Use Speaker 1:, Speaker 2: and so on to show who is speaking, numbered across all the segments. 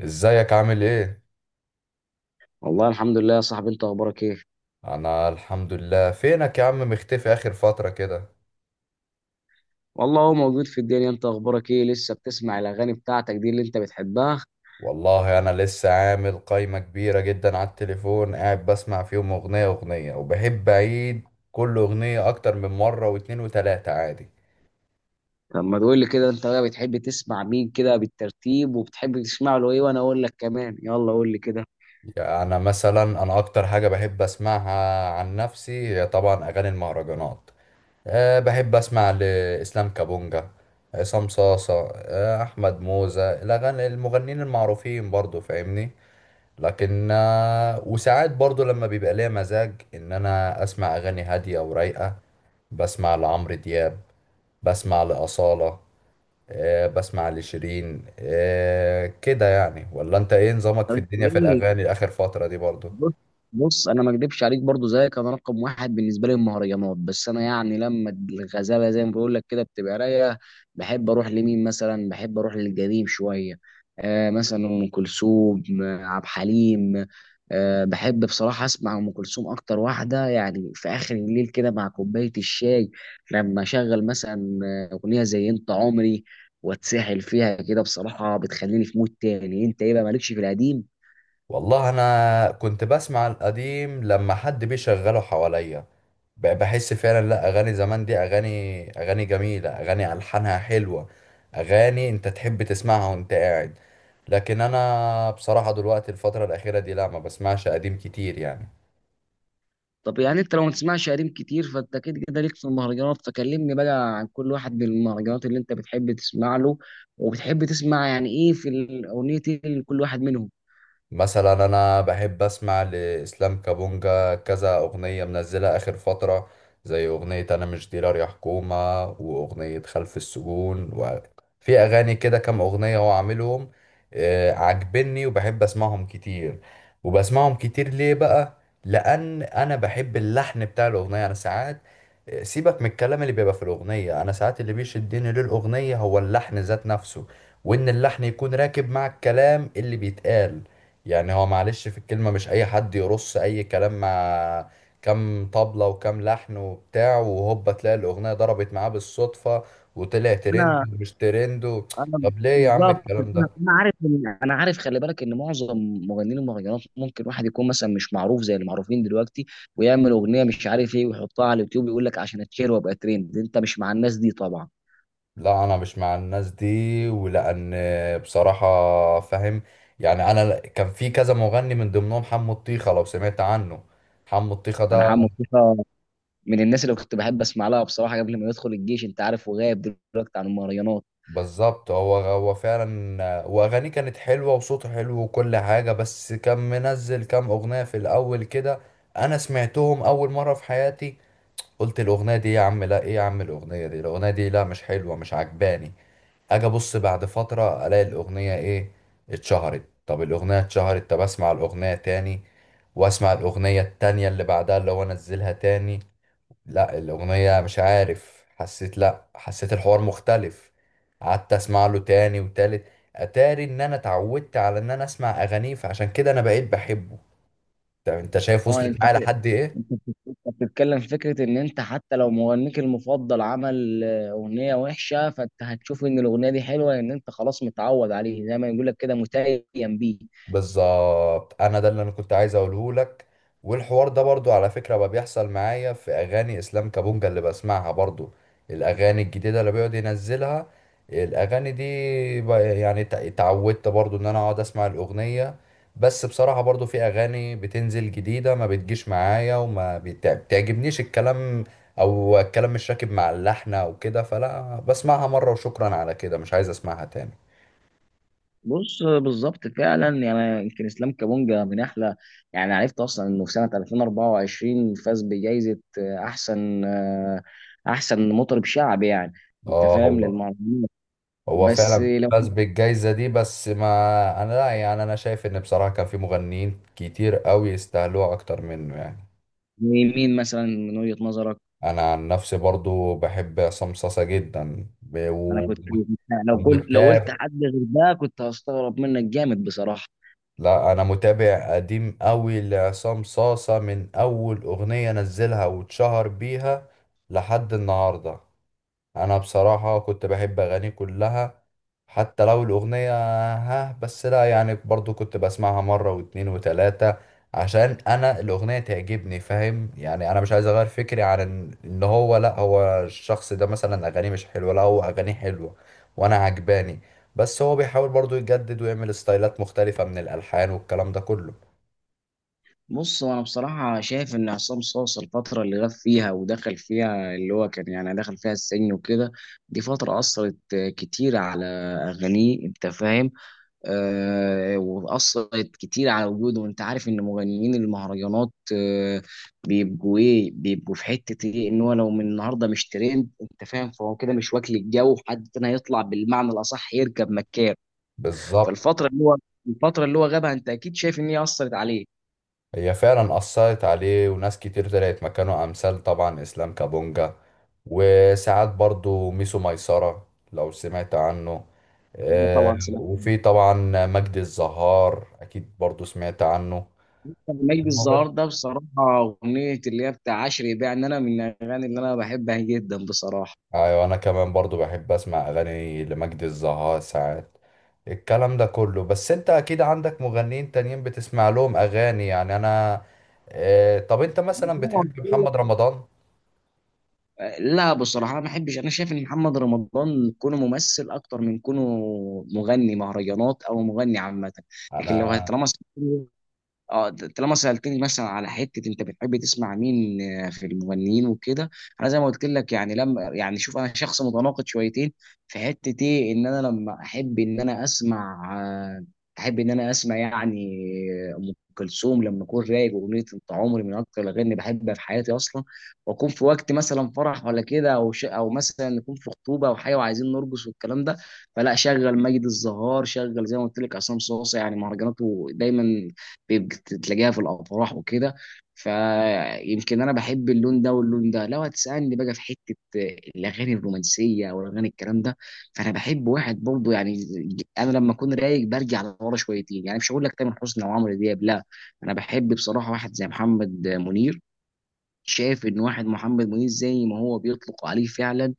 Speaker 1: ازيك عامل ايه؟
Speaker 2: والله الحمد لله يا صاحبي، انت اخبارك ايه؟
Speaker 1: انا الحمد لله. فينك يا عم، مختفي اخر فترة كده.
Speaker 2: والله هو موجود في الدنيا. انت اخبارك ايه؟ لسه بتسمع الاغاني بتاعتك دي اللي انت بتحبها؟
Speaker 1: والله انا لسه عامل قايمة كبيرة جدا على التليفون، قاعد بسمع فيهم اغنية اغنية، وبحب اعيد كل اغنية اكتر من مرة واتنين وتلاتة عادي.
Speaker 2: طب ما تقول لي كده، انت بقى بتحب تسمع مين كده بالترتيب وبتحب تسمع له ايه وانا اقول لك كمان، يلا قول لي كده.
Speaker 1: يعني أنا مثلا، انا اكتر حاجة بحب اسمعها عن نفسي هي طبعا اغاني المهرجانات. بحب أسمع لإسلام كابونجا، عصام صاصة، أحمد موزة، الأغاني المغنيين المعروفين، برضو فاهمني. لكن وساعات برضو لما بيبقى ليا مزاج ان انا اسمع اغاني هادية ورايقة، بسمع لعمرو دياب، بسمع لأصالة، بسمع لشيرين. كده يعني. ولا انت ايه نظامك
Speaker 2: طب
Speaker 1: في
Speaker 2: انت
Speaker 1: الدنيا في
Speaker 2: ايه؟
Speaker 1: الاغاني اخر فترة دي برضو؟
Speaker 2: بص. بص انا ما اكدبش عليك، برضو زيك انا رقم واحد بالنسبه لي المهرجانات، بس انا يعني لما الغزاله زي ما بقول لك كده بتبقى رايقه، بحب اروح لمين مثلا؟ بحب اروح للقديم شويه. آه مثلا ام كلثوم، عبد الحليم. آه بحب بصراحه اسمع ام كلثوم اكتر واحده، يعني في اخر الليل كده مع كوبايه الشاي لما اشغل مثلا اغنيه زي انت عمري واتسحل فيها كده، بصراحه بتخليني في مود تاني. انت ايه بقى، مالكش في القديم؟
Speaker 1: والله انا كنت بسمع القديم لما حد بيشغله حواليا. بحس فعلا، لا، اغاني زمان دي اغاني، اغاني جميله، اغاني الحانها حلوه، اغاني انت تحب تسمعها وانت قاعد. لكن انا بصراحه دلوقتي الفتره الاخيره دي لا، ما بسمعش قديم كتير يعني.
Speaker 2: طب يعني انت لو ما تسمعش قديم كتير فانت كده كده ليك في المهرجانات، فكلمني بقى عن كل واحد من المهرجانات اللي انت بتحب تسمع له وبتحب تسمع يعني ايه في الاغنيه لكل واحد منهم.
Speaker 1: مثلا انا بحب اسمع لاسلام كابونجا كذا اغنيه منزلها اخر فتره، زي اغنيه انا مش ديلر يا حكومه واغنيه خلف السجون، وفي اغاني كده كام اغنيه هو عاملهم عاجبني، وبحب اسمعهم كتير. وبسمعهم كتير ليه بقى؟ لان انا بحب اللحن بتاع الاغنيه. انا ساعات، سيبك من الكلام اللي بيبقى في الاغنيه، انا ساعات اللي بيشدني للاغنيه هو اللحن ذات نفسه، وان اللحن يكون راكب مع الكلام اللي بيتقال. يعني هو معلش، في الكلمة مش أي حد يرص أي كلام مع كام طبلة وكام لحن وبتاع، وهوبا تلاقي الأغنية ضربت معاه بالصدفة وطلع ترند
Speaker 2: انا
Speaker 1: ومش ترند و.
Speaker 2: انا
Speaker 1: طب ليه يا عم
Speaker 2: بالظبط
Speaker 1: الكلام
Speaker 2: انا
Speaker 1: ده؟
Speaker 2: أنا عارف ان عارف، خلي بالك ان معظم مغنيين المهرجانات ممكن واحد يكون مثلا مش معروف زي المعروفين دلوقتي ويعمل اغنيه مش عارف ايه ويحطها على اليوتيوب، يقول لك عشان اتشير وابقى ترند. انت مش مع الناس دي طبعا.
Speaker 1: لا أنا مش مع الناس دي، ولأن بصراحة، فاهم، يعني كان في كذا مغني من ضمنهم حمو الطيخة، لو سمعت عنه. حمو الطيخة
Speaker 2: انا
Speaker 1: ده
Speaker 2: عم مصطفى من الناس اللي كنت بحب اسمع لها بصراحه قبل ما يدخل الجيش، انت عارف، وغايب دلوقتي عن المهرجانات.
Speaker 1: بالظبط، هو هو فعلا، واغانيه كانت حلوه وصوته حلو وكل حاجه. بس كان منزل كام اغنيه في الاول كده، انا سمعتهم اول مره في حياتي قلت الاغنيه دي يا عم لا، ايه يا عم الاغنيه دي، الاغنيه دي لا مش حلوه، مش عجباني. اجي ابص بعد فتره الاقي الاغنيه ايه؟ اتشهرت. طب الاغنيه اتشهرت، طب اسمع الاغنيه تاني، واسمع الاغنيه التانيه اللي بعدها اللي هو نزلها تاني. لا الأغنية مش عارف حسيت، لا حسيت الحوار مختلف. قعدت أسمع له تاني وتالت. أتاري إن أنا اتعودت على إن أنا أسمع أغانيه، فعشان كده أنا بقيت بحبه. طب أنت شايف
Speaker 2: اه،
Speaker 1: وصلت
Speaker 2: انت،
Speaker 1: معايا لحد إيه؟
Speaker 2: انت بتتكلم في فكره ان انت حتى لو مغنيك المفضل عمل اغنيه وحشه فانت هتشوف ان الاغنيه دي حلوه، ان انت خلاص متعود عليه، زي ما يقول لك كده متيم بيه.
Speaker 1: بالظبط انا ده اللي انا كنت عايز اقوله لك. والحوار ده برضو على فكرة بقى بيحصل معايا في اغاني اسلام كابونجا اللي بسمعها برضو. الاغاني الجديدة اللي بيقعد ينزلها، الاغاني دي يعني اتعودت برضو ان انا اقعد اسمع الاغنية. بس بصراحة برضو في اغاني بتنزل جديدة ما بتجيش معايا، وما بتعجبنيش الكلام، او الكلام مش راكب مع اللحن او كده، فلا بسمعها مرة وشكرا على كده، مش عايز اسمعها تاني.
Speaker 2: بص بالظبط فعلا. يعني يمكن اسلام كابونجا من احلى، يعني عرفت اصلا انه في سنه 2024 فاز بجائزه احسن مطرب شعبي يعني، انت
Speaker 1: اه
Speaker 2: فاهم،
Speaker 1: هو،
Speaker 2: للمهرجان.
Speaker 1: هو
Speaker 2: بس
Speaker 1: فعلا
Speaker 2: لو
Speaker 1: فاز بالجايزة دي، بس ما انا لا يعني انا شايف ان بصراحة كان في مغنيين كتير قوي يستاهلوها اكتر منه يعني.
Speaker 2: مين، مين مثلا من وجهة نظرك؟
Speaker 1: انا عن نفسي برضو بحب عصام صاصا جدا،
Speaker 2: انا كنت لو قلت
Speaker 1: ومتابع.
Speaker 2: حد غير ده كنت هستغرب منك جامد بصراحة.
Speaker 1: لا انا متابع قديم قوي لعصام صاصا من اول اغنية نزلها واتشهر بيها لحد النهاردة. انا بصراحة كنت بحب اغاني كلها حتى لو الاغنية، ها، بس لا يعني برضو كنت بسمعها مرة واتنين وتلاتة، عشان انا الاغنية تعجبني، فاهم يعني. انا مش عايز اغير فكري عن ان هو، لا هو الشخص ده مثلا اغانيه مش حلوة، لا هو اغانيه حلوة وانا عجباني. بس هو بيحاول برضو يجدد ويعمل ستايلات مختلفة من الالحان والكلام ده كله.
Speaker 2: بص انا بصراحة شايف ان عصام صاصا الفترة اللي غاب فيها ودخل فيها اللي هو كان يعني دخل فيها السجن وكده، دي فترة اثرت كتير على اغانيه، انت فاهم. واثرت كتير على وجوده، وانت عارف ان مغنيين المهرجانات بيبقوا ايه، بيبقوا في حته ايه، ان هو لو من النهارده مش ترند انت فاهم فهو كده مش واكل الجو، حد تاني هيطلع بالمعنى الاصح يركب مكان.
Speaker 1: بالظبط،
Speaker 2: فالفتره اللي هو، الفتره اللي هو غابها انت اكيد شايف ان هي اثرت عليه.
Speaker 1: هي فعلا أثرت عليه. وناس كتير طلعت مكانه أمثال طبعا إسلام كابونجا، وساعات برضو ميسو ميسرة لو سمعت عنه.
Speaker 2: أنا
Speaker 1: آه،
Speaker 2: طبعا سمعت.
Speaker 1: وفي طبعا مجدي الزهار أكيد برضو سمعت عنه،
Speaker 2: مجدي الزهار
Speaker 1: المغني.
Speaker 2: ده بصراحه، اغنيه اللي هي بتاع عشري بيع ان انا من الاغاني اللي انا بحبها جدا بصراحه.
Speaker 1: أيوة أنا كمان برضو بحب أسمع أغاني لمجدي الزهار ساعات، الكلام ده كله. بس أنت أكيد عندك مغنيين تانيين بتسمع لهم أغاني، يعني أنا طب أنت مثلا بتحب محمد رمضان؟
Speaker 2: لا بصراحة ما احبش، انا شايف ان محمد رمضان كونه ممثل اكتر من كونه مغني مهرجانات او مغني عامة. لكن لو
Speaker 1: أنا.
Speaker 2: هترمس، اه، طالما سألتني مثلا على حتة انت بتحب تسمع مين في المغنيين وكده، انا زي ما قلت لك يعني لما يعني شوف، انا شخص متناقض شويتين في حتة ايه، ان انا لما احب ان انا اسمع يعني ام كلثوم لما اكون رايق، واغنية انت عمري من اكتر الاغاني اللي بحبها في حياتي اصلا. واكون في وقت مثلا فرح ولا كده او او مثلا نكون في خطوبة او حاجة وعايزين نرقص والكلام ده، فلا شغل مجد الزهار، شغل زي ما قلت لك عصام صاصا، يعني مهرجاناته دايما بيبقى تلاقيها في الافراح وكده. فيمكن انا بحب اللون ده واللون ده. لو هتسالني بقى في حته الاغاني الرومانسيه او الاغاني الكلام ده، فانا بحب واحد برضه يعني، انا لما اكون رايق برجع لورا شويتين، يعني مش هقول لك تامر حسني او عمرو دياب لا، انا بحب بصراحه واحد زي محمد منير. شايف ان واحد محمد منير زي ما هو بيطلق عليه فعلا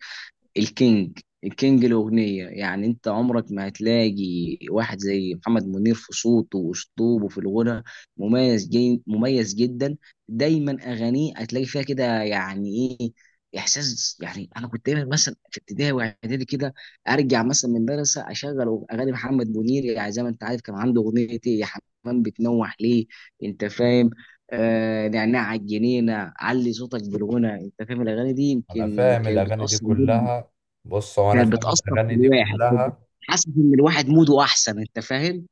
Speaker 2: الكينج، الكينج الأغنية، يعني أنت عمرك ما هتلاقي واحد زي محمد منير في صوته وأسلوبه في الغنى، مميز مميز جدا. دايما أغانيه هتلاقي فيها كده يعني إيه، إحساس. يعني أنا كنت دايما مثلا في ابتدائي وإعدادي كده أرجع مثلا من المدرسة أشغل أغاني محمد منير، يعني زي ما أنت عارف كان عنده أغنية إيه يا حمام بتنوح ليه، أنت فاهم، آه نعناع على الجنينة، علي صوتك بالغنى، أنت فاهم الأغاني دي
Speaker 1: انا
Speaker 2: يمكن
Speaker 1: فاهم
Speaker 2: كانت
Speaker 1: الاغاني دي
Speaker 2: بتأثر جدا،
Speaker 1: كلها. بص هو انا
Speaker 2: كانت
Speaker 1: فاهم
Speaker 2: بتأثر في
Speaker 1: الاغاني دي
Speaker 2: الواحد
Speaker 1: كلها.
Speaker 2: حاسس ان الواحد موده احسن، انت فاهم.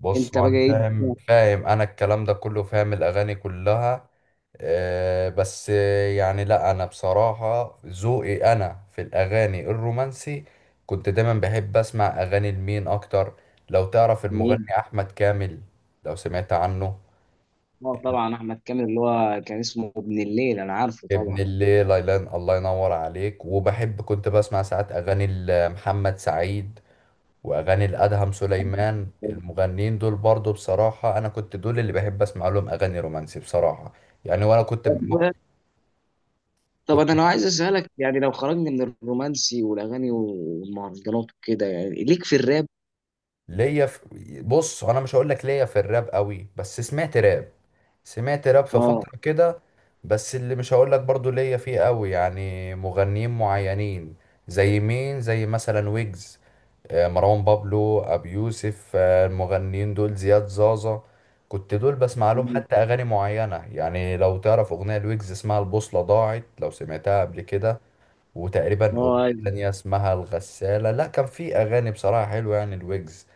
Speaker 1: بص
Speaker 2: انت
Speaker 1: هو
Speaker 2: بقى
Speaker 1: انا
Speaker 2: ايه؟
Speaker 1: فاهم انا الكلام ده كله، فاهم الاغاني كلها. آه بس، يعني لا انا بصراحة ذوقي انا في الاغاني الرومانسي، كنت دايما بحب اسمع اغاني لمين اكتر؟ لو تعرف
Speaker 2: مين؟
Speaker 1: المغني احمد كامل، لو سمعت عنه.
Speaker 2: اه طبعا احمد كامل اللي هو كان اسمه ابن الليل، انا عارفه
Speaker 1: ابن
Speaker 2: طبعا.
Speaker 1: الليل، الله ينور عليك. وبحب كنت بسمع ساعات اغاني محمد سعيد، واغاني الادهم سليمان. المغنيين دول برضو بصراحه انا كنت دول اللي بحب اسمع لهم اغاني رومانسي بصراحه. يعني وانا
Speaker 2: طب
Speaker 1: كنت.
Speaker 2: انا لو عايز اسالك، يعني لو خرجنا من الرومانسي والاغاني والمهرجانات وكده، يعني ليك في الراب؟
Speaker 1: ليا في، بص انا مش هقول لك ليا في الراب قوي، بس سمعت راب، سمعت راب في
Speaker 2: اه،
Speaker 1: فتره كده. بس اللي مش هقول لك برضو ليا فيه قوي، يعني مغنيين معينين، زي مين، زي مثلا ويجز، مروان بابلو، ابي يوسف، المغنيين دول، زياد زازا. كنت دول بسمع لهم حتى اغاني معينه، يعني لو تعرف اغنيه لويجز اسمها البوصله ضاعت لو سمعتها قبل كده، وتقريبا اغنيه
Speaker 2: اه.
Speaker 1: تانية اسمها الغساله. لا كان في اغاني بصراحه حلوه يعني الويجز.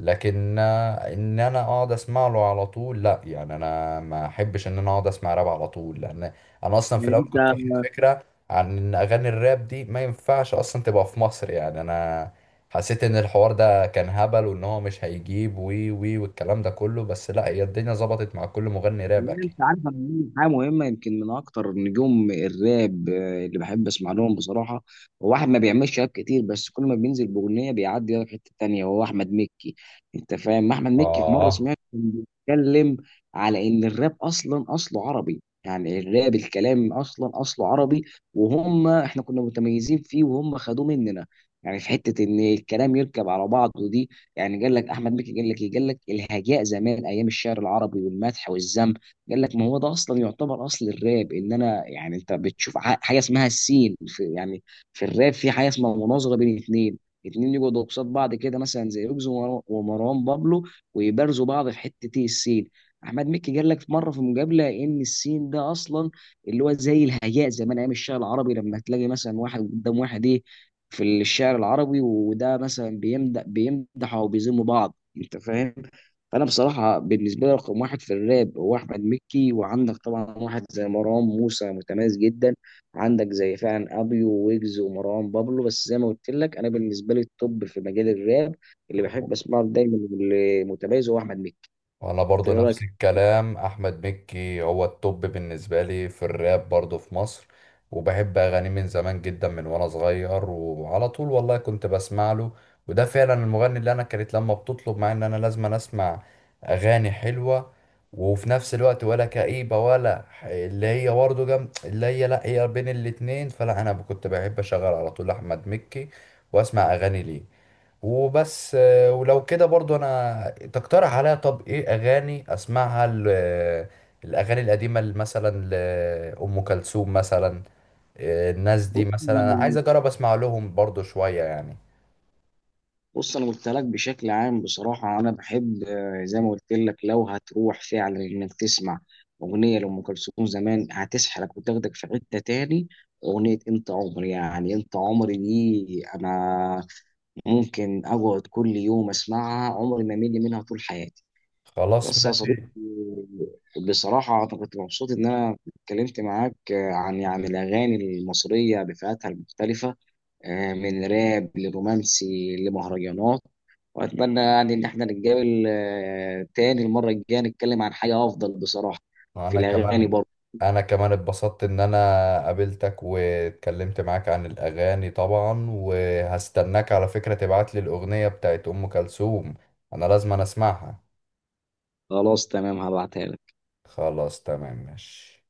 Speaker 1: لكن ان انا اقعد اسمع له على طول لا، يعني انا ما احبش ان انا اقعد اسمع راب على طول، لان انا اصلا في
Speaker 2: يعني
Speaker 1: الاول
Speaker 2: انت
Speaker 1: كنت واخد فكره عن ان اغاني الراب دي ما ينفعش اصلا تبقى في مصر. يعني انا حسيت ان الحوار ده كان هبل وان هو مش هيجيب وي وي والكلام ده كله، بس لا هي الدنيا ظبطت مع كل مغني راب
Speaker 2: يعني
Speaker 1: اكيد.
Speaker 2: انت عارف انا عندي حاجه مهمه، يمكن من اكتر نجوم الراب اللي بحب اسمع لهم بصراحه، هو واحد ما بيعملش راب كتير بس كل ما بينزل باغنيه بيعدي لك حته تانيه، هو احمد مكي. انت فاهم احمد مكي، في مره
Speaker 1: اه،
Speaker 2: سمعت كان بيتكلم على ان الراب اصلا اصله عربي، يعني الراب الكلام اصلا اصله عربي وهم احنا كنا متميزين فيه وهم خدوه مننا، يعني في حته ان الكلام يركب على بعضه دي. يعني قال لك احمد مكي، قال لك ايه، قال لك الهجاء زمان ايام الشعر العربي والمدح والذم، قال لك ما هو ده اصلا يعتبر اصل الراب. ان انا يعني انت بتشوف حاجه اسمها السين في يعني في الراب، في حاجه اسمها مناظره بين اتنين، اتنين يقعدوا قصاد بعض كده مثلا زي ويجز ومروان بابلو ويبارزوا بعض في حته ايه، السين. احمد مكي قال لك في مره في مقابله ان السين ده اصلا اللي هو زي الهياء زمان ايام الشعر العربي، لما تلاقي مثلا واحد قدام واحد ايه في الشعر العربي وده مثلا بيمدح او بيذم بعض، انت فاهم. فانا بصراحه بالنسبه لي رقم واحد في الراب هو احمد مكي، وعندك طبعا واحد زي مروان موسى متميز جدا، عندك زي فعلا ابيو ويجز ومروان بابلو، بس زي ما قلت لك انا بالنسبه لي التوب في مجال الراب اللي بحب اسمعه دايما واللي متميز هو احمد مكي.
Speaker 1: وانا
Speaker 2: انت
Speaker 1: برضو
Speaker 2: ايه
Speaker 1: نفس
Speaker 2: رايك؟
Speaker 1: الكلام. احمد مكي هو التوب بالنسبه لي في الراب برضو في مصر. وبحب اغانيه من زمان جدا من وانا صغير وعلى طول والله كنت بسمع له. وده فعلا المغني اللي انا كانت لما بتطلب معايا ان انا لازم أنا اسمع اغاني حلوه وفي نفس الوقت ولا كئيبه، ولا اللي هي برضه جم، اللي هي لا، هي بين الاتنين، فلا انا كنت بحب اشغل على طول احمد مكي واسمع اغاني ليه. وبس ولو كده برضو انا تقترح عليا طب ايه اغاني اسمعها؟ الاغاني القديمه اللي مثلا لام كلثوم مثلا، الناس دي مثلا انا عايز اجرب اسمع لهم برضو شويه يعني.
Speaker 2: بص انا قلت لك بشكل عام بصراحه انا بحب زي ما قلت لك، لو هتروح فعلا انك تسمع اغنيه لام كلثوم زمان هتسحلك وتاخدك في حته تاني. اغنيه انت عمري، يعني انت عمري دي انا ممكن اقعد كل يوم اسمعها، عمري ما امل منها طول حياتي.
Speaker 1: خلاص
Speaker 2: بس يا صديقي،
Speaker 1: ماشي.
Speaker 2: بصراحه انا كنت مبسوط ان انا اتكلمت معاك عن يعني الاغاني المصريه بفئاتها المختلفه، من راب لرومانسي لمهرجانات، واتمنى يعني ان احنا نتقابل تاني المره الجايه نتكلم عن حاجه افضل بصراحه في
Speaker 1: انا
Speaker 2: الاغاني
Speaker 1: كمان،
Speaker 2: برضه.
Speaker 1: انا كمان اتبسطت ان انا قابلتك واتكلمت معاك عن الاغاني طبعا. وهستناك على فكره تبعت لي الاغنيه بتاعت ام كلثوم، انا لازم أنا اسمعها.
Speaker 2: خلاص تمام، هبعتها لك.
Speaker 1: خلاص تمام ماشي.